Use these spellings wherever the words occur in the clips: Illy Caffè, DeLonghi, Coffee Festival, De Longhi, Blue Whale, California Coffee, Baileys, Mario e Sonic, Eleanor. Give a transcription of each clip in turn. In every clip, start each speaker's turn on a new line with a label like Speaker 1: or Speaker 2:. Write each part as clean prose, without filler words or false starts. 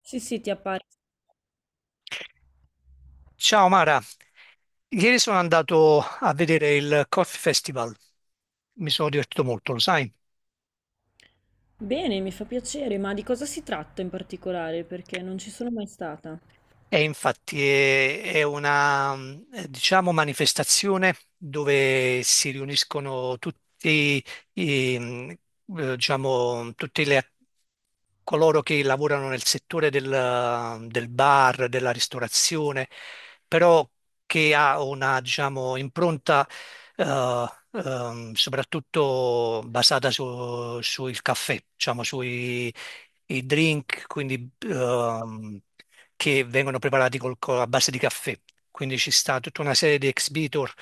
Speaker 1: Sì, sì, ti appare.
Speaker 2: Ciao Mara, ieri sono andato a vedere il Coffee Festival, mi sono divertito molto, lo sai?
Speaker 1: Bene, mi fa piacere, ma di cosa si tratta in particolare? Perché non ci sono mai stata.
Speaker 2: E infatti è una, diciamo, manifestazione dove si riuniscono tutti, i, diciamo, coloro che lavorano nel settore del bar, della ristorazione, però che ha una, diciamo, impronta, eh, soprattutto basata sul caffè, diciamo, sui i drink, quindi, che vengono preparati a base di caffè. Quindi ci sta tutta una serie di exhibitor,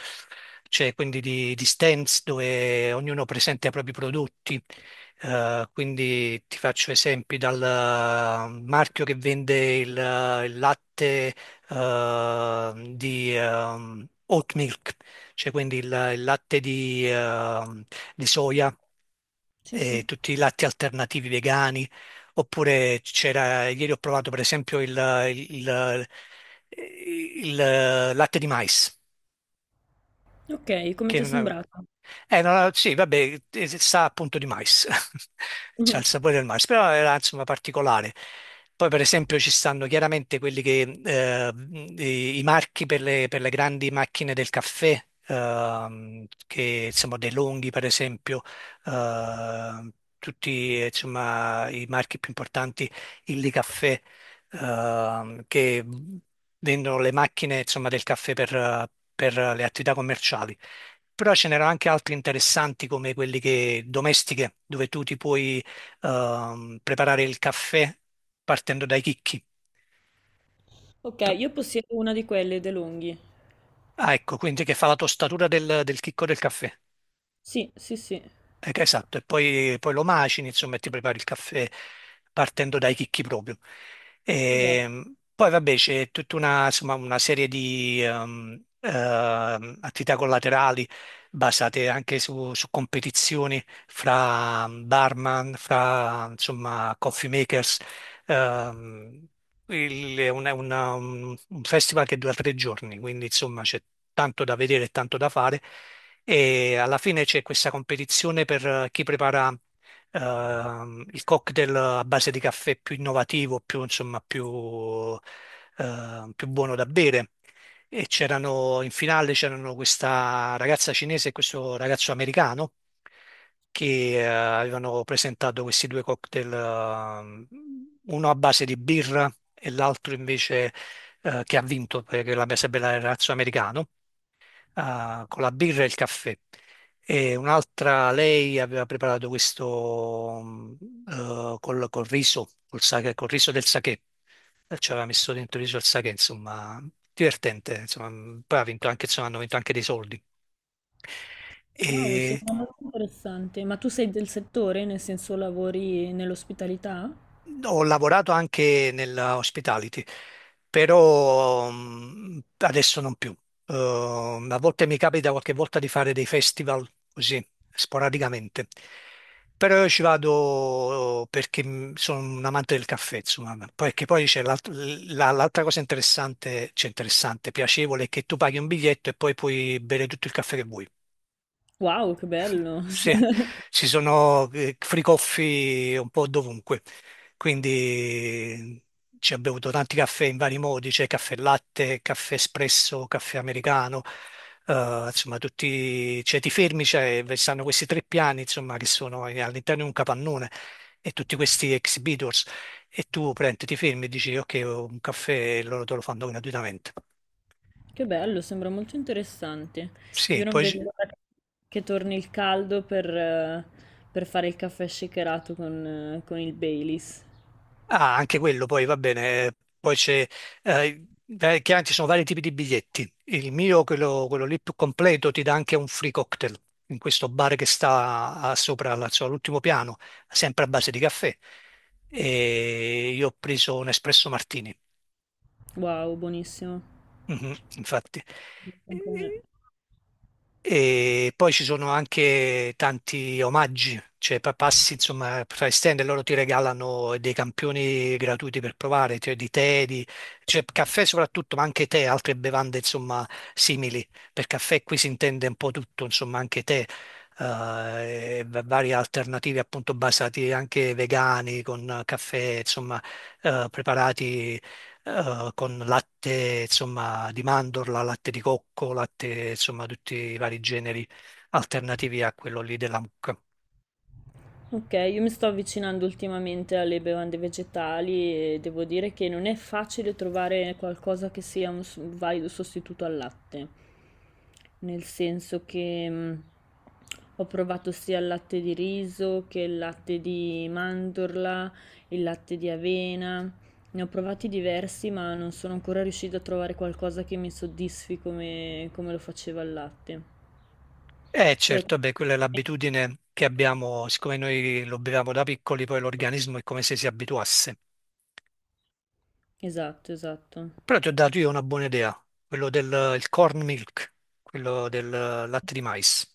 Speaker 2: cioè quindi di stands dove ognuno presenta i propri prodotti. Quindi ti faccio esempi dal marchio che vende il latte di oat milk, cioè quindi il latte di soia
Speaker 1: Sì, sì.
Speaker 2: e tutti i latti alternativi vegani, oppure c'era, ieri ho provato per esempio il- il- il latte di mais,
Speaker 1: Ok, come
Speaker 2: che
Speaker 1: ti è
Speaker 2: non-
Speaker 1: sembrato?
Speaker 2: no, no, sì, vabbè, sa appunto di mais, c'ha il sapore del mais, però era insomma particolare. Poi per esempio ci stanno chiaramente quelli che, i marchi per le grandi macchine del caffè, che insomma De Longhi per esempio, eh, tutti insomma i marchi più importanti, Illy Caffè, che vendono le macchine insomma del caffè per le attività commerciali. Però ce n'erano anche altri interessanti come quelli che, domestiche, dove tu ti puoi preparare il caffè partendo dai chicchi.
Speaker 1: Ok, io possiedo una di quelle, DeLonghi.
Speaker 2: Ah, ecco, quindi che fa la tostatura del chicco del caffè.
Speaker 1: Sì, sì, sì,
Speaker 2: Esatto, e poi, lo macini, insomma, e ti prepari il caffè partendo dai chicchi proprio.
Speaker 1: esatto.
Speaker 2: Poi vabbè c'è tutta una, insomma, una serie di attività collaterali basate anche su, competizioni fra barman, fra insomma, coffee makers. Ehm, è un festival che dura 3 giorni, quindi insomma c'è tanto da vedere e tanto da fare e alla fine c'è questa competizione per chi prepara il cocktail a base di caffè più innovativo, più, insomma, più, più buono da bere. E c'erano in finale c'erano questa ragazza cinese e questo ragazzo americano che avevano presentato questi due cocktail, uno a base di birra e l'altro invece che ha vinto, perché la base bella era il ragazzo americano, con la birra e il caffè. E un'altra, lei aveva preparato questo col riso, col riso del sake. Ci aveva messo dentro il riso al sake, insomma, divertente. Insomma, poi ha vinto anche, insomma, hanno vinto anche dei soldi.
Speaker 1: Wow,
Speaker 2: E
Speaker 1: sembra molto interessante. Ma tu sei del settore, nel senso lavori nell'ospitalità?
Speaker 2: Ho lavorato anche nella hospitality, però adesso non più. A volte mi capita qualche volta di fare dei festival così, sporadicamente. Però io ci vado perché sono un amante del caffè, insomma. Perché poi c'è l'altra cosa interessante, cioè interessante, piacevole, è che tu paghi un biglietto e poi puoi bere tutto il caffè che vuoi.
Speaker 1: Wow, che
Speaker 2: Sì,
Speaker 1: bello!
Speaker 2: sì, ci sono fricoffi un po' dovunque, quindi ci abbiamo bevuto tanti caffè in vari modi, c'è caffè latte, caffè espresso, caffè americano, insomma tutti, cioè ti fermi, c'è, stanno questi tre piani insomma che sono all'interno di un capannone e tutti questi exhibitors e tu prendi, ti fermi e dici ok, ho un caffè e loro te lo fanno gratuitamente.
Speaker 1: Che bello, sembra molto interessante.
Speaker 2: Sì,
Speaker 1: Io non
Speaker 2: poi,
Speaker 1: vedo l'ora che torni il caldo per fare il caffè shakerato con il Baileys.
Speaker 2: ah, anche quello poi va bene. Poi c'è, eh, chiaro, ci sono vari tipi di biglietti. Il mio, quello lì più completo, ti dà anche un free cocktail in questo bar che sta sopra insomma, all'ultimo piano, sempre a base di caffè. E io ho preso un espresso martini.
Speaker 1: Wow, buonissimo.
Speaker 2: Mhm, infatti.
Speaker 1: Anche a me.
Speaker 2: E poi ci sono anche tanti omaggi, cioè passi insomma fra stand e loro ti regalano dei campioni gratuiti per provare, cioè di tè, di, cioè caffè soprattutto, ma anche tè, altre bevande insomma simili. Per caffè qui si intende un po' tutto, insomma anche tè, varie alternative appunto basati anche vegani con caffè, insomma preparati con latte, insomma, di mandorla, latte di cocco, latte, insomma, tutti i vari generi alternativi a quello lì della mucca.
Speaker 1: Ok, io mi sto avvicinando ultimamente alle bevande vegetali e devo dire che non è facile trovare qualcosa che sia un valido sostituto al latte, nel senso che ho provato sia il latte di riso che il latte di mandorla, il latte di avena, ne ho provati diversi ma non sono ancora riuscita a trovare qualcosa che mi soddisfi come, come lo faceva il latte.
Speaker 2: Eh
Speaker 1: Tu hai...
Speaker 2: certo, beh, quella è l'abitudine che abbiamo, siccome noi lo beviamo da piccoli, poi l'organismo è come se si abituasse.
Speaker 1: Esatto, esatto.
Speaker 2: Però ti ho dato io una buona idea, quello del il corn milk, quello del latte di mais.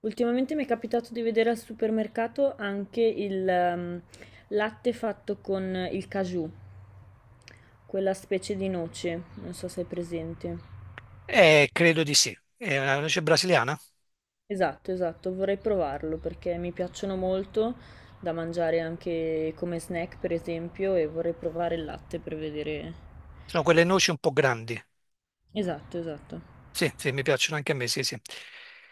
Speaker 1: Ultimamente mi è capitato di vedere al supermercato anche il latte fatto con il caju, quella specie di noce, non so se è presente.
Speaker 2: Credo di sì. È una noce brasiliana?
Speaker 1: Esatto, esatto, vorrei provarlo perché mi piacciono molto da mangiare anche come snack, per esempio, e vorrei provare il latte per vedere.
Speaker 2: Sono quelle noci un po' grandi.
Speaker 1: Esatto, esatto.
Speaker 2: Sì, sì, mi piacciono anche a me, sì, sì.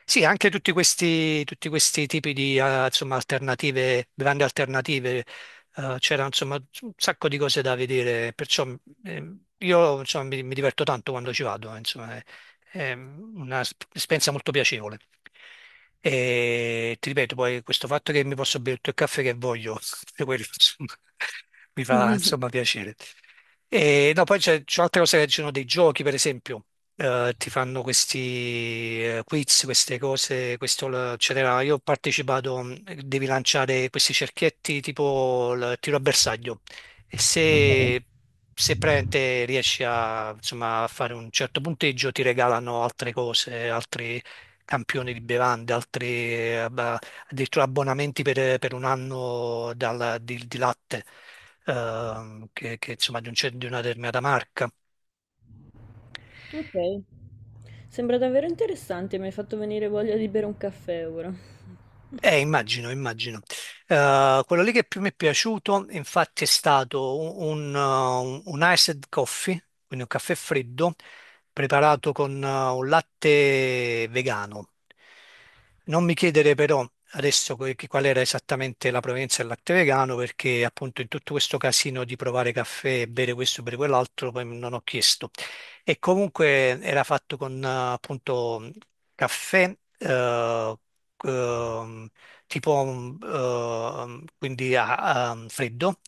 Speaker 2: Sì, anche tutti questi tipi di, insomma, alternative, grandi alternative, c'era, insomma, un sacco di cose da vedere, perciò, io, insomma, mi diverto tanto quando ci vado, insomma. È un'esperienza molto piacevole. E ti ripeto, poi questo fatto che mi posso bere tutto il caffè che voglio, quello, insomma, mi fa insomma piacere. E, no, poi c'è altre cose che ci sono dei giochi, per esempio, ti fanno questi quiz, queste cose, questo, eccetera. Io ho partecipato, devi lanciare questi cerchietti tipo il tiro a bersaglio e
Speaker 1: Ok,
Speaker 2: se praticamente riesci a, insomma, a fare un certo punteggio ti regalano altre cose, altri campioni di bevande, altri addirittura abbonamenti per un anno di latte che, insomma di, di una determinata marca.
Speaker 1: ok. Sembra davvero interessante, mi hai fatto venire voglia di bere un caffè ora.
Speaker 2: Immagino, immagino. Quello lì che più mi è piaciuto, infatti, è stato un iced coffee, quindi un caffè freddo preparato con un latte vegano. Non mi chiedere però adesso qual era esattamente la provenienza del latte vegano, perché appunto in tutto questo casino di provare caffè, bere questo, bere quell'altro, poi non ho chiesto. E comunque era fatto con appunto caffè, eh, ehm, tipo quindi a, a freddo,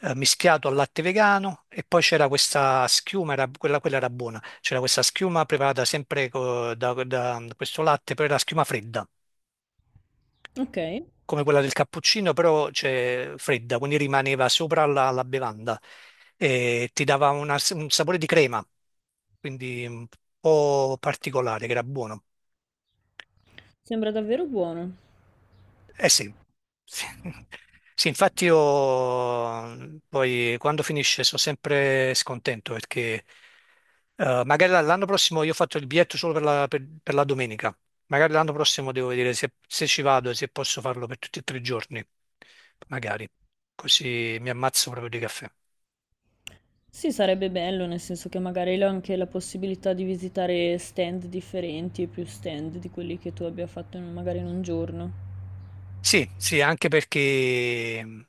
Speaker 2: mischiato al latte vegano e poi c'era questa schiuma, quella era buona, c'era questa schiuma preparata sempre da questo latte, però era schiuma fredda,
Speaker 1: Ok.
Speaker 2: come quella del cappuccino, però c'è fredda, quindi rimaneva sopra la bevanda e ti dava un sapore di crema, quindi un po' particolare, che era buono.
Speaker 1: Sembra davvero buono.
Speaker 2: Eh sì, sì, sì, infatti io poi quando finisce sono sempre scontento perché magari l'anno prossimo io ho fatto il biglietto solo per la domenica, magari l'anno prossimo devo vedere se ci vado e se posso farlo per tutti e tre i giorni, magari, così mi ammazzo proprio di caffè.
Speaker 1: Sì, sarebbe bello, nel senso che magari ho anche la possibilità di visitare stand differenti e più stand di quelli che tu abbia fatto in magari in un giorno.
Speaker 2: Sì, sì, anche perché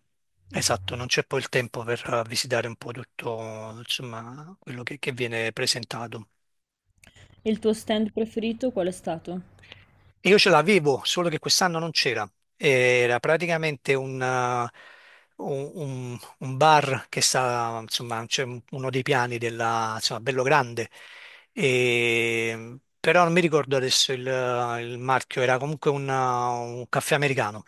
Speaker 2: esatto, non c'è poi il tempo per visitare un po' tutto, insomma, quello che viene presentato.
Speaker 1: E il tuo stand preferito qual è stato?
Speaker 2: E io ce l'avevo, solo che quest'anno non c'era. Era praticamente un bar che sta, insomma, uno dei piani della, insomma, bello grande. Però non mi ricordo adesso il marchio, era comunque un caffè americano.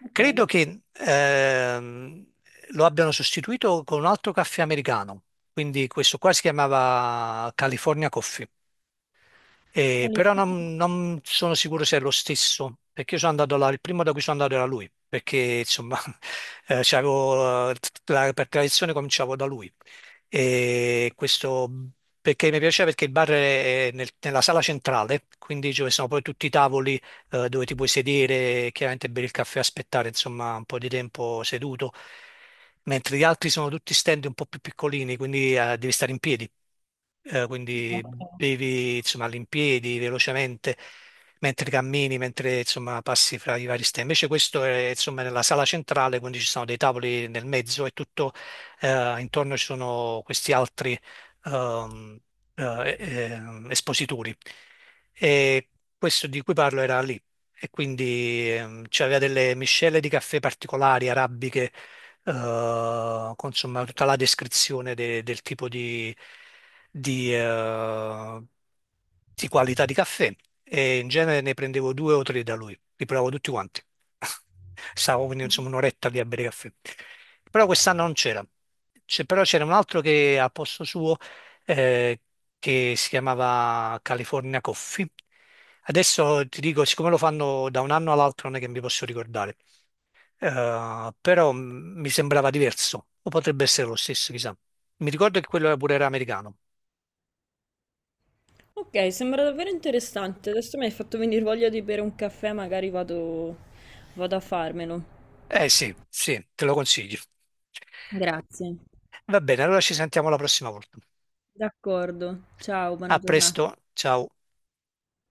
Speaker 1: Ok,
Speaker 2: Credo che lo abbiano sostituito con un altro caffè americano. Quindi questo qua si chiamava California Coffee.
Speaker 1: quali
Speaker 2: Però
Speaker 1: fa-
Speaker 2: non sono sicuro se è lo stesso, perché io sono andato là, il primo da cui sono andato era lui, perché insomma c'avevo, per tradizione cominciavo da lui. E questo perché mi piaceva perché il bar è nella sala centrale, quindi dove sono poi tutti i tavoli dove ti puoi sedere, chiaramente bere il caffè, aspettare insomma un po' di tempo seduto, mentre gli altri sono tutti stand un po' più piccolini, quindi devi stare in piedi. Quindi bevi insomma all'impiedi velocemente mentre cammini, mentre insomma passi fra i vari stand. Invece questo è insomma nella sala centrale, quindi ci sono dei tavoli nel mezzo e tutto intorno ci sono questi altri ehm, eh, eh, espositori. E Questo di cui parlo era lì e quindi c'aveva delle miscele di caffè particolari, arabiche, con insomma tutta la descrizione del tipo di, eh, di qualità di caffè e in genere ne prendevo due o tre da lui, li provavo tutti quanti. Stavo quindi insomma un'oretta lì a bere caffè. Però quest'anno non c'era. Però c'era un altro che a posto suo eh, che si chiamava California Coffee. Adesso ti dico, siccome lo fanno da un anno all'altro, non è che mi posso ricordare. Però mi sembrava diverso, o potrebbe essere lo stesso, chissà. Mi ricordo che quello pure era americano.
Speaker 1: Ok, sembra davvero interessante. Adesso mi hai fatto venire voglia di bere un caffè, magari vado, vado a farmelo.
Speaker 2: Eh sì, sì, te lo consiglio.
Speaker 1: Grazie.
Speaker 2: Va bene, allora ci sentiamo la prossima volta.
Speaker 1: D'accordo. Ciao,
Speaker 2: A
Speaker 1: buona
Speaker 2: presto,
Speaker 1: giornata.
Speaker 2: ciao.